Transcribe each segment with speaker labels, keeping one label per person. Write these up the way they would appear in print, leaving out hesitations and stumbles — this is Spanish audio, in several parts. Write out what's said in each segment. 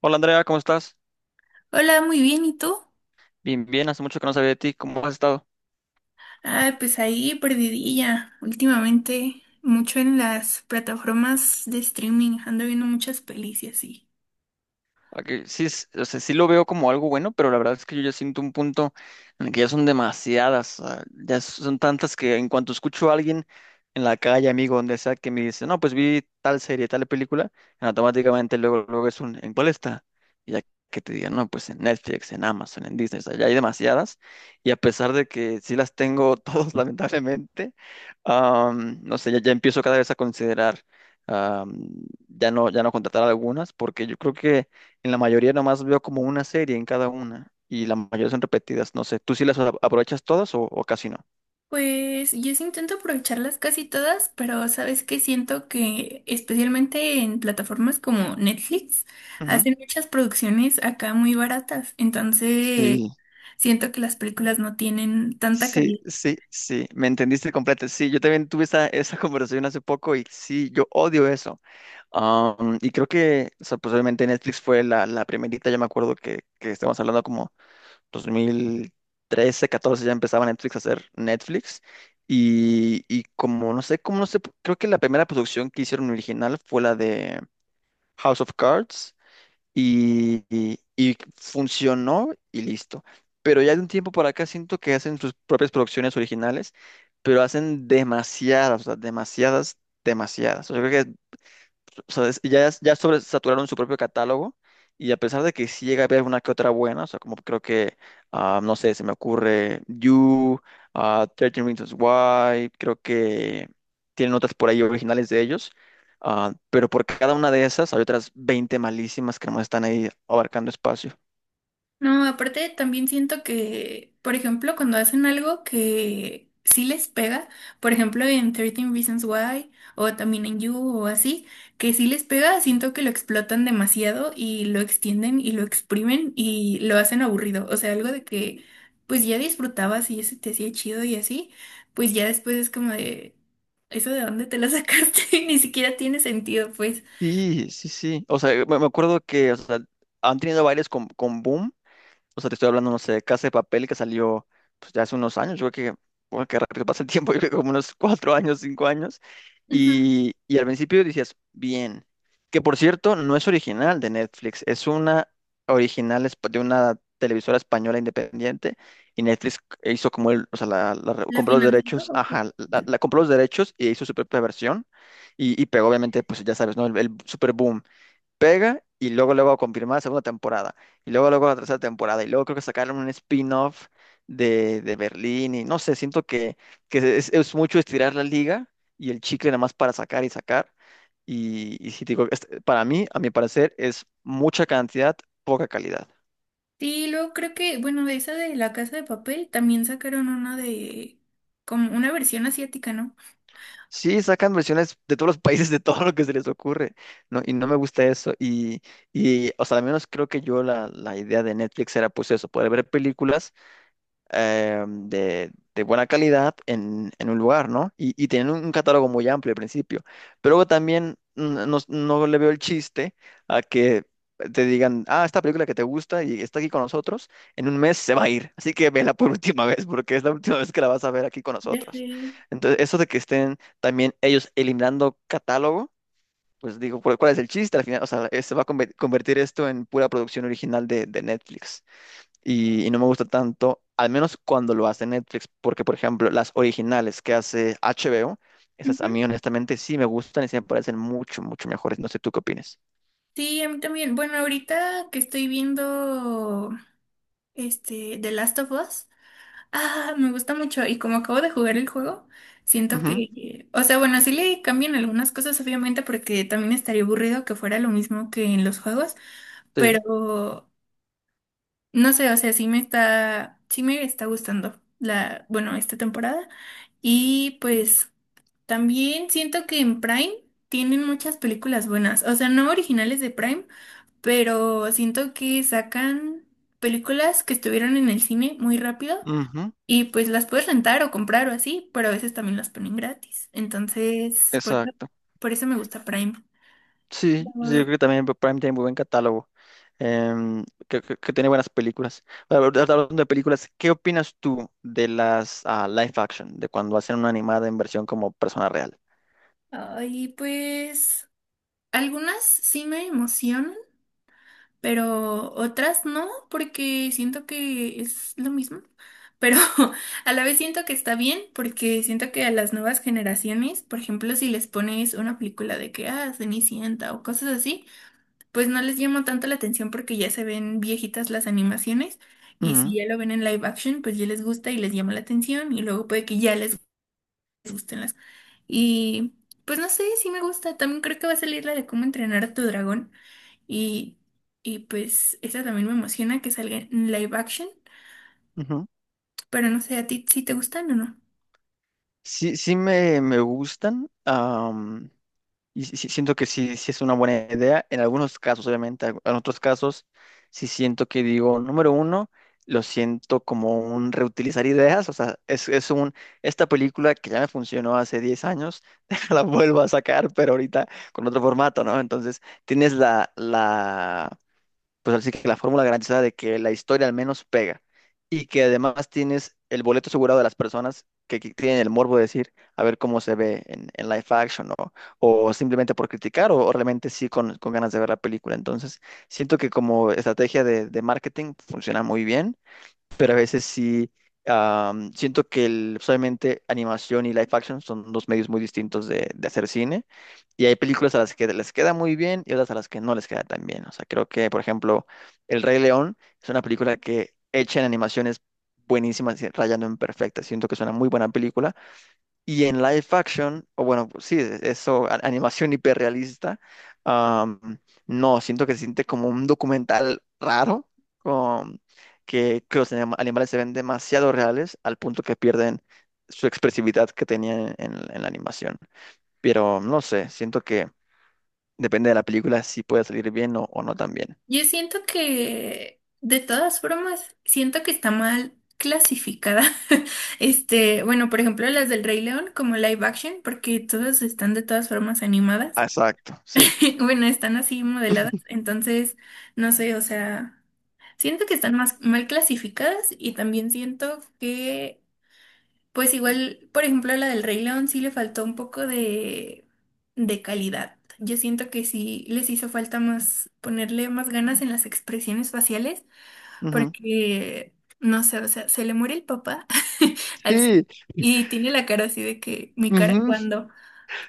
Speaker 1: Hola Andrea, ¿cómo estás?
Speaker 2: Hola, muy bien, ¿y tú?
Speaker 1: Bien, bien, hace mucho que no sabía de ti, ¿cómo has estado?
Speaker 2: Ah, pues ahí perdidilla. Últimamente, mucho en las plataformas de streaming, ando viendo muchas pelis y así.
Speaker 1: Ok, sí, o sea, sí lo veo como algo bueno, pero la verdad es que yo ya siento un punto en el que ya son demasiadas, o ya son tantas que en cuanto escucho a alguien en la calle, amigo, donde sea, que me dice, no, pues vi tal serie, tal película, automáticamente luego, luego ¿en cuál está? Y ya que te digan, no, pues en Netflix, en Amazon, en Disney, o sea, ya hay demasiadas, y a pesar de que sí las tengo todas, lamentablemente, no sé, ya empiezo cada vez a considerar, am, ya no, ya no contratar algunas, porque yo creo que en la mayoría nomás veo como una serie en cada una y la mayoría son repetidas. No sé, ¿tú sí las aprovechas todas o casi no?
Speaker 2: Pues yo sí intento aprovecharlas casi todas, pero sabes que siento que especialmente en plataformas como Netflix
Speaker 1: Ujú.
Speaker 2: hacen muchas producciones acá muy baratas, entonces
Speaker 1: Sí,
Speaker 2: siento que las películas no tienen tanta
Speaker 1: sí,
Speaker 2: calidad.
Speaker 1: sí, sí, me entendiste completo. Sí, yo también tuve esa conversación hace poco y sí, yo odio eso. Y creo que, o sea, pues obviamente Netflix fue la primerita. Yo me acuerdo que estamos hablando como 2013, catorce ya empezaba Netflix a hacer Netflix. Y como no sé, creo que la primera producción que hicieron original fue la de House of Cards y funcionó y listo. Pero ya de un tiempo para acá siento que hacen sus propias producciones originales, pero hacen demasiadas, o sea, demasiadas, demasiadas. O sea, creo que o sea, ya sobresaturaron su propio catálogo y a pesar de que sí llega a haber una que otra buena, o sea, como creo que, no sé, se me ocurre You, 13 Reasons Why, creo que tienen otras por ahí originales de ellos, pero por cada una de esas hay otras 20 malísimas que no están ahí abarcando espacio.
Speaker 2: No, aparte también siento que, por ejemplo, cuando hacen algo que sí les pega, por ejemplo en 13 Reasons Why o también en You o así, que sí les pega, siento que lo explotan demasiado y lo extienden y lo exprimen y lo hacen aburrido. O sea, algo de que pues ya disfrutabas y eso te hacía chido y así, pues ya después es como de, ¿eso de dónde te la sacaste? Ni siquiera tiene sentido, pues.
Speaker 1: Sí, sí, sí. O sea, me acuerdo que o sea, han tenido bailes con Boom. O sea, te estoy hablando, no sé, de Casa de Papel que salió pues, ya hace unos años. Yo creo que, bueno, qué rápido pasa el tiempo, yo creo que como unos 4 años, 5 años.
Speaker 2: Ujú.
Speaker 1: Y al principio decías, bien. Que por cierto, no es original de Netflix, es una original de una televisora española independiente. Y Netflix hizo como o sea, la
Speaker 2: ¿La
Speaker 1: compró los
Speaker 2: financió
Speaker 1: derechos,
Speaker 2: o qué?
Speaker 1: ajá, la compró los derechos y hizo su propia versión. Y pegó, obviamente, pues ya sabes, ¿no? El super pega y luego luego confirmar la segunda temporada y luego luego la tercera temporada y luego creo que sacaron un spin-off de Berlín y no sé, siento que es mucho estirar la liga y el chicle nada más para sacar y sacar y si te digo, este, para mí, a mi parecer, es mucha cantidad, poca calidad.
Speaker 2: Sí, luego creo que, bueno, de esa de La Casa de Papel también sacaron una de, como una versión asiática, ¿no?
Speaker 1: Sí, sacan versiones de todos los países, de todo lo que se les ocurre, ¿no? Y no me gusta eso. Y o sea, al menos creo que yo la idea de Netflix era pues eso, poder ver películas de buena calidad en un lugar, ¿no? Y tienen un catálogo muy amplio al principio. Pero luego también no, no le veo el chiste a que te digan, esta película que te gusta y está aquí con nosotros, en un mes se va a ir. Así que vela por última vez, porque es la última vez que la vas a ver aquí con
Speaker 2: Ya
Speaker 1: nosotros.
Speaker 2: sé.
Speaker 1: Entonces, eso de que estén también ellos eliminando catálogo. Pues digo, ¿cuál es el chiste al final? O sea, se va a convertir esto en pura producción original de Netflix y no me gusta tanto, al menos cuando lo hace Netflix, porque por ejemplo las originales que hace HBO, esas
Speaker 2: Ujú.
Speaker 1: a mí honestamente sí me gustan y sí me parecen mucho, mucho mejores. No sé tú qué opinas.
Speaker 2: Sí, a mí también. Bueno, ahorita que estoy viendo este The Last of Us, me gusta mucho. Y como acabo de jugar el juego, siento
Speaker 1: Ujú,
Speaker 2: que, o sea, bueno, sí le cambian algunas cosas, obviamente, porque también estaría aburrido que fuera lo mismo que en los juegos,
Speaker 1: sí,
Speaker 2: pero no sé, o sea, sí me está gustando la, bueno, esta temporada. Y pues también siento que en Prime tienen muchas películas buenas, o sea, no originales de Prime, pero siento que sacan películas que estuvieron en el cine muy rápido
Speaker 1: ujú,
Speaker 2: y pues las puedes rentar o comprar o así, pero a veces también las ponen gratis. Entonces,
Speaker 1: exacto.
Speaker 2: por eso me gusta Prime.
Speaker 1: Sí, sí, yo
Speaker 2: Pero,
Speaker 1: creo que también Prime tiene muy buen catálogo, que tiene buenas películas. Ahora, ahorita hablando de películas, ¿qué opinas tú de las live action, de cuando hacen una animada en versión como persona real?
Speaker 2: ay, pues algunas sí me emocionan, pero otras no, porque siento que es lo mismo. Pero a la vez siento que está bien, porque siento que a las nuevas generaciones, por ejemplo, si les pones una película de que, Cenicienta o cosas así, pues no les llama tanto la atención porque ya se ven viejitas las animaciones y si
Speaker 1: Ujú,
Speaker 2: ya lo ven en live action, pues ya les gusta y les llama la atención y luego puede que ya les gusten las. Y pues no sé, sí me gusta. También creo que va a salir la de cómo entrenar a tu dragón. Y, y pues esa también me emociona que salga en live action.
Speaker 1: ujú.
Speaker 2: Pero no sé, ¿a ti si te gustan o no?
Speaker 1: Sí, sí me gustan. Y sí siento que sí, sí es una buena idea. En algunos casos, obviamente, en otros casos, sí siento que digo, número uno, lo siento como un reutilizar ideas. O sea, es esta película que ya me funcionó hace 10 años, la vuelvo a sacar, pero ahorita con otro formato, ¿no? Entonces, tienes la pues así que la fórmula garantizada de que la historia al menos pega y que además tienes el boleto asegurado de las personas que tienen el morbo de decir a ver cómo se ve en live action, ¿no? O simplemente por criticar o realmente sí con ganas de ver la película. Entonces, siento que como estrategia de marketing funciona muy bien, pero a veces sí siento que pues, obviamente animación y live action son dos medios muy distintos de hacer cine, y hay películas a las que les queda muy bien y otras a las que no les queda tan bien. O sea, creo que, por ejemplo, El Rey León es una película que hecha en animaciones buenísimas, y rayando en perfecta. Siento que es una muy buena película, y en live action, o bueno, pues sí, eso, animación hiperrealista, am, no, siento que se siente como un documental raro, con, que los animales se ven demasiado reales al punto que pierden su expresividad que tenían en la animación. Pero no sé, siento que depende de la película si puede salir bien o no también.
Speaker 2: Yo siento que, de todas formas, siento que está mal clasificada. Este, bueno, por ejemplo, las del Rey León como live action, porque todas están de todas formas
Speaker 1: Ah,
Speaker 2: animadas.
Speaker 1: exacto, sí.
Speaker 2: Bueno, están así modeladas, entonces, no sé, o sea, siento que están más mal clasificadas y también siento que, pues igual, por ejemplo, a la del Rey León sí le faltó un poco de calidad. Yo siento que sí les hizo falta más ponerle más ganas en las expresiones faciales
Speaker 1: Ujú.
Speaker 2: porque, no sé, o sea, se le muere el papá al Sid
Speaker 1: Sí,
Speaker 2: y tiene la cara así de que mi cara
Speaker 1: ujú.
Speaker 2: cuando.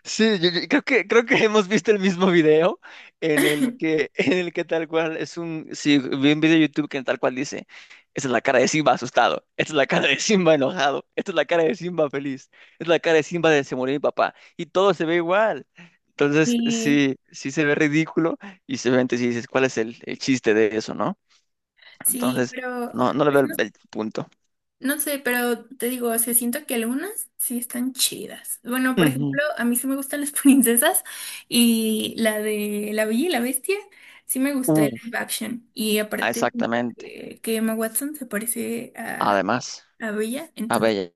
Speaker 1: Sí, yo creo que hemos visto el mismo video en el que en el que tal cual es un sí, vi un video de YouTube que tal cual dice, esta es la cara de Simba asustado, esta es la cara de Simba enojado, esta es la cara de Simba feliz, esta es la cara de Simba de se murió mi papá y todo se ve igual. Entonces,
Speaker 2: Y
Speaker 1: sí, sí se ve ridículo, y seguramente si dices, ¿cuál es el chiste de eso, no?
Speaker 2: sí,
Speaker 1: Entonces,
Speaker 2: pero...
Speaker 1: no le
Speaker 2: pues,
Speaker 1: veo el punto.
Speaker 2: no sé, pero te digo, o sea, siento que algunas sí están chidas. Bueno, por
Speaker 1: Ujú.
Speaker 2: ejemplo, a mí sí me gustan las princesas y la de La Bella y la Bestia, sí me gustó el
Speaker 1: Uf,
Speaker 2: live action. Y aparte, siento
Speaker 1: exactamente.
Speaker 2: que Emma Watson se parece
Speaker 1: Además,
Speaker 2: a Bella,
Speaker 1: a
Speaker 2: entonces
Speaker 1: ver,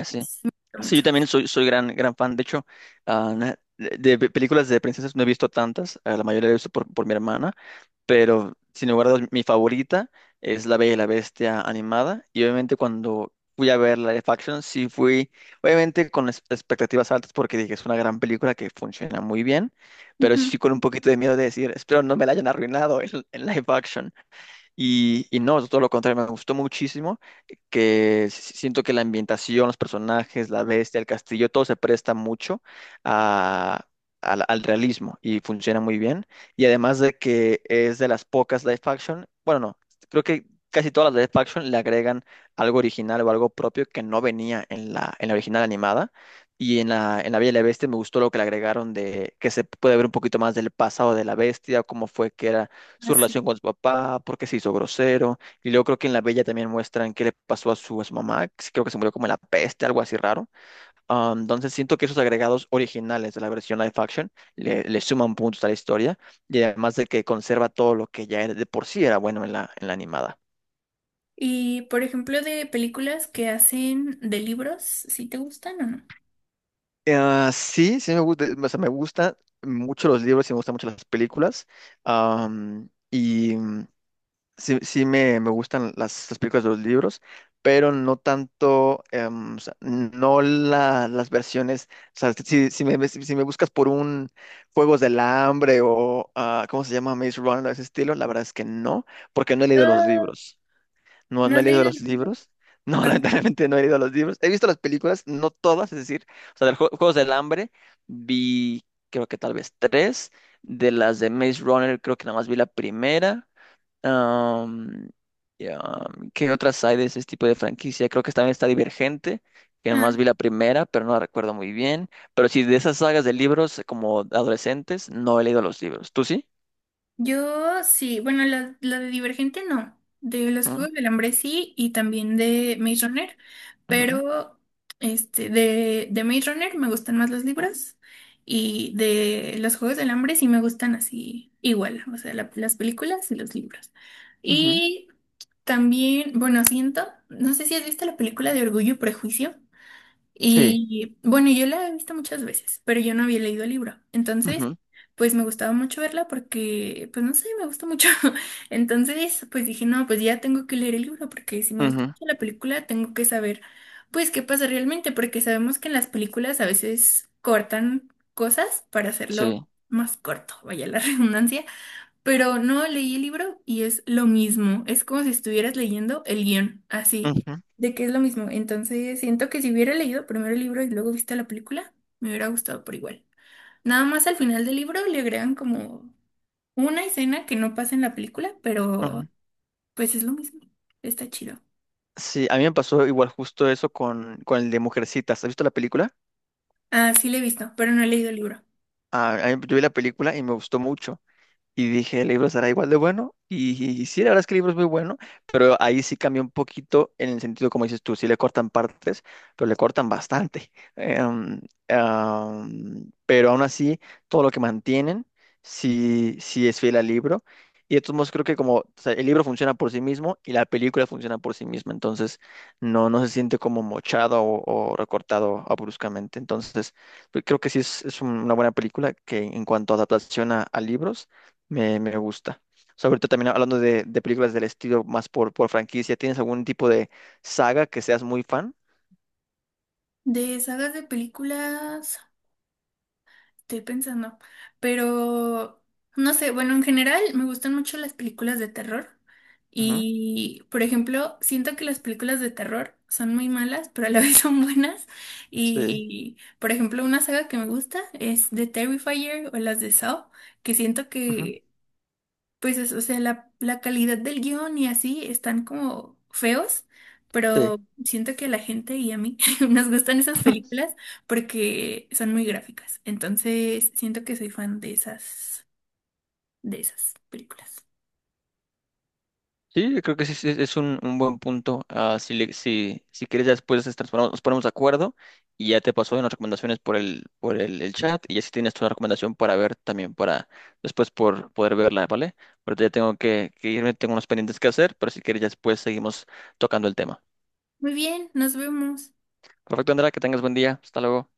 Speaker 2: me gusta
Speaker 1: sí, yo
Speaker 2: mucho.
Speaker 1: también soy, gran, gran fan. De hecho, de películas de princesas no he visto tantas. La mayoría la he visto por mi hermana. Pero, sin lugar a dudas, mi favorita es La Bella y la Bestia animada. Y obviamente cuando fui a ver la live action, sí fui, obviamente con expectativas altas porque dije, es una gran película que funciona muy bien. Pero
Speaker 2: Ujú.
Speaker 1: sí con un poquito de miedo de decir, espero no me la hayan arruinado en live action. Y no, todo lo contrario, me gustó muchísimo, que siento que la ambientación, los personajes, la bestia, el castillo, todo se presta mucho a- al realismo y funciona muy bien. Y además de que es de las pocas live action, bueno, no, creo que casi todas las live action le agregan algo original o algo propio que no venía en la original animada. Y en la Bella y la Bestia me gustó lo que le agregaron de que se puede ver un poquito más del pasado de la bestia, cómo fue que era su relación
Speaker 2: Así.
Speaker 1: con su papá, por qué se hizo grosero. Y luego creo que en La Bella también muestran qué le pasó a su mamá, que creo que se murió como en la peste, algo así raro. Ah, entonces siento que esos agregados originales de la versión live action le suman puntos a la historia, y además de que conserva todo lo que ya de por sí era bueno en la animada.
Speaker 2: Y por ejemplo, de películas que hacen de libros, ¿sí te gustan o no?
Speaker 1: Sí, sí me gusta, o sea, me gusta mucho los libros y me gustan mucho las películas. Y sí, sí me gustan las películas de los libros, pero no tanto, o sea, no las versiones, o sea, si me buscas por un Juegos del Hambre o, ¿cómo se llama? Maze Runner, ese estilo, la verdad es que no, porque no he leído los
Speaker 2: No,
Speaker 1: libros, no,
Speaker 2: ¿no
Speaker 1: no he
Speaker 2: has
Speaker 1: leído
Speaker 2: leído
Speaker 1: los
Speaker 2: los libros?
Speaker 1: libros. No,
Speaker 2: Ah,
Speaker 1: lamentablemente no he leído los libros. He visto las películas, no todas, es decir, o sea, de los Juegos del Hambre vi, creo que tal vez tres, de las de Maze Runner creo que nada más vi la primera, Am, y, ¿qué otras hay de ese tipo de franquicia? Creo que también está Divergente, que
Speaker 2: ah,
Speaker 1: nomás vi la primera, pero no la recuerdo muy bien. Pero sí, de esas sagas de libros como adolescentes, no he leído los libros. ¿Tú sí?
Speaker 2: Yo sí, bueno, la de Divergente no, de los
Speaker 1: Ujú,
Speaker 2: Juegos del Hambre sí y también de Maze Runner,
Speaker 1: ujú,
Speaker 2: pero este, de Maze Runner me gustan más los libros y de los Juegos del Hambre sí me gustan así igual, o sea, la- las películas y los libros.
Speaker 1: ujú.
Speaker 2: Y también, bueno, siento, no sé si has visto la película de Orgullo y Prejuicio.
Speaker 1: Sí.
Speaker 2: Y bueno, yo la he visto muchas veces, pero yo no había leído el libro. Entonces,
Speaker 1: Ujú,
Speaker 2: pues me gustaba mucho verla porque, pues no sé, me gusta mucho. Entonces, pues dije, no, pues ya tengo que leer el libro porque si me gusta
Speaker 1: ujú.
Speaker 2: mucho la película, tengo que saber, pues, qué pasa realmente, porque sabemos que en las películas a veces cortan cosas para hacerlo
Speaker 1: Sí.
Speaker 2: más corto, vaya la redundancia. Pero no leí el libro y es lo mismo. Es como si estuvieras leyendo el guión, así,
Speaker 1: Ujú,
Speaker 2: de que es lo mismo. Entonces, siento que si hubiera leído primero el libro y luego visto la película, me hubiera gustado por igual. Nada más al final del libro le agregan como una escena que no pasa en la película, pero
Speaker 1: ujú.
Speaker 2: pues es lo mismo. Está chido.
Speaker 1: Sí, a mí me pasó igual justo eso con el de Mujercitas. ¿Has visto la película?
Speaker 2: Ah, sí, le he visto, pero no he leído el libro.
Speaker 1: Yo vi la película y me gustó mucho. Y dije, el libro será igual de bueno. Y sí, la verdad es que el libro es muy bueno, pero ahí sí cambió un poquito en el sentido, como dices tú, sí le cortan partes, pero le cortan bastante. Em, pero aún así, todo lo que mantienen, sí, sí es fiel al libro. Y de todos modos, creo que como o sea, el libro funciona por sí mismo y la película funciona por sí misma, entonces no, no se siente como mochado o, recortado bruscamente. Entonces, pues, creo que sí es una buena película que en cuanto a adaptación a libros me gusta. O sea, ahorita también hablando de películas del estilo más por franquicia, ¿tienes algún tipo de saga que seas muy fan?
Speaker 2: De sagas de películas. Estoy pensando, pero no sé, bueno, en general me gustan mucho las películas de terror
Speaker 1: Ujú,
Speaker 2: y, por ejemplo, siento que las películas de terror son muy malas, pero a la vez son buenas
Speaker 1: sí.
Speaker 2: y, por ejemplo, una saga que me gusta es The Terrifier o las de Saw, que siento
Speaker 1: Ujú,
Speaker 2: que pues es, o sea, la calidad del guión y así están como feos,
Speaker 1: sí.
Speaker 2: pero siento que a la gente y a mí nos gustan esas películas porque son muy gráficas. Entonces, siento que soy fan de esas películas.
Speaker 1: Sí, creo que sí, sí, es un buen punto. Si quieres, ya después nos nos ponemos de acuerdo y ya te paso las recomendaciones por el chat y así tienes tu recomendación para ver también para después por poder verla, ¿vale? Ahorita ya tengo que irme, tengo unos pendientes que hacer, pero si quieres, ya después seguimos tocando el tema.
Speaker 2: Muy bien, nos vemos.
Speaker 1: Perfecto, Andrea, que tengas buen día. Hasta luego.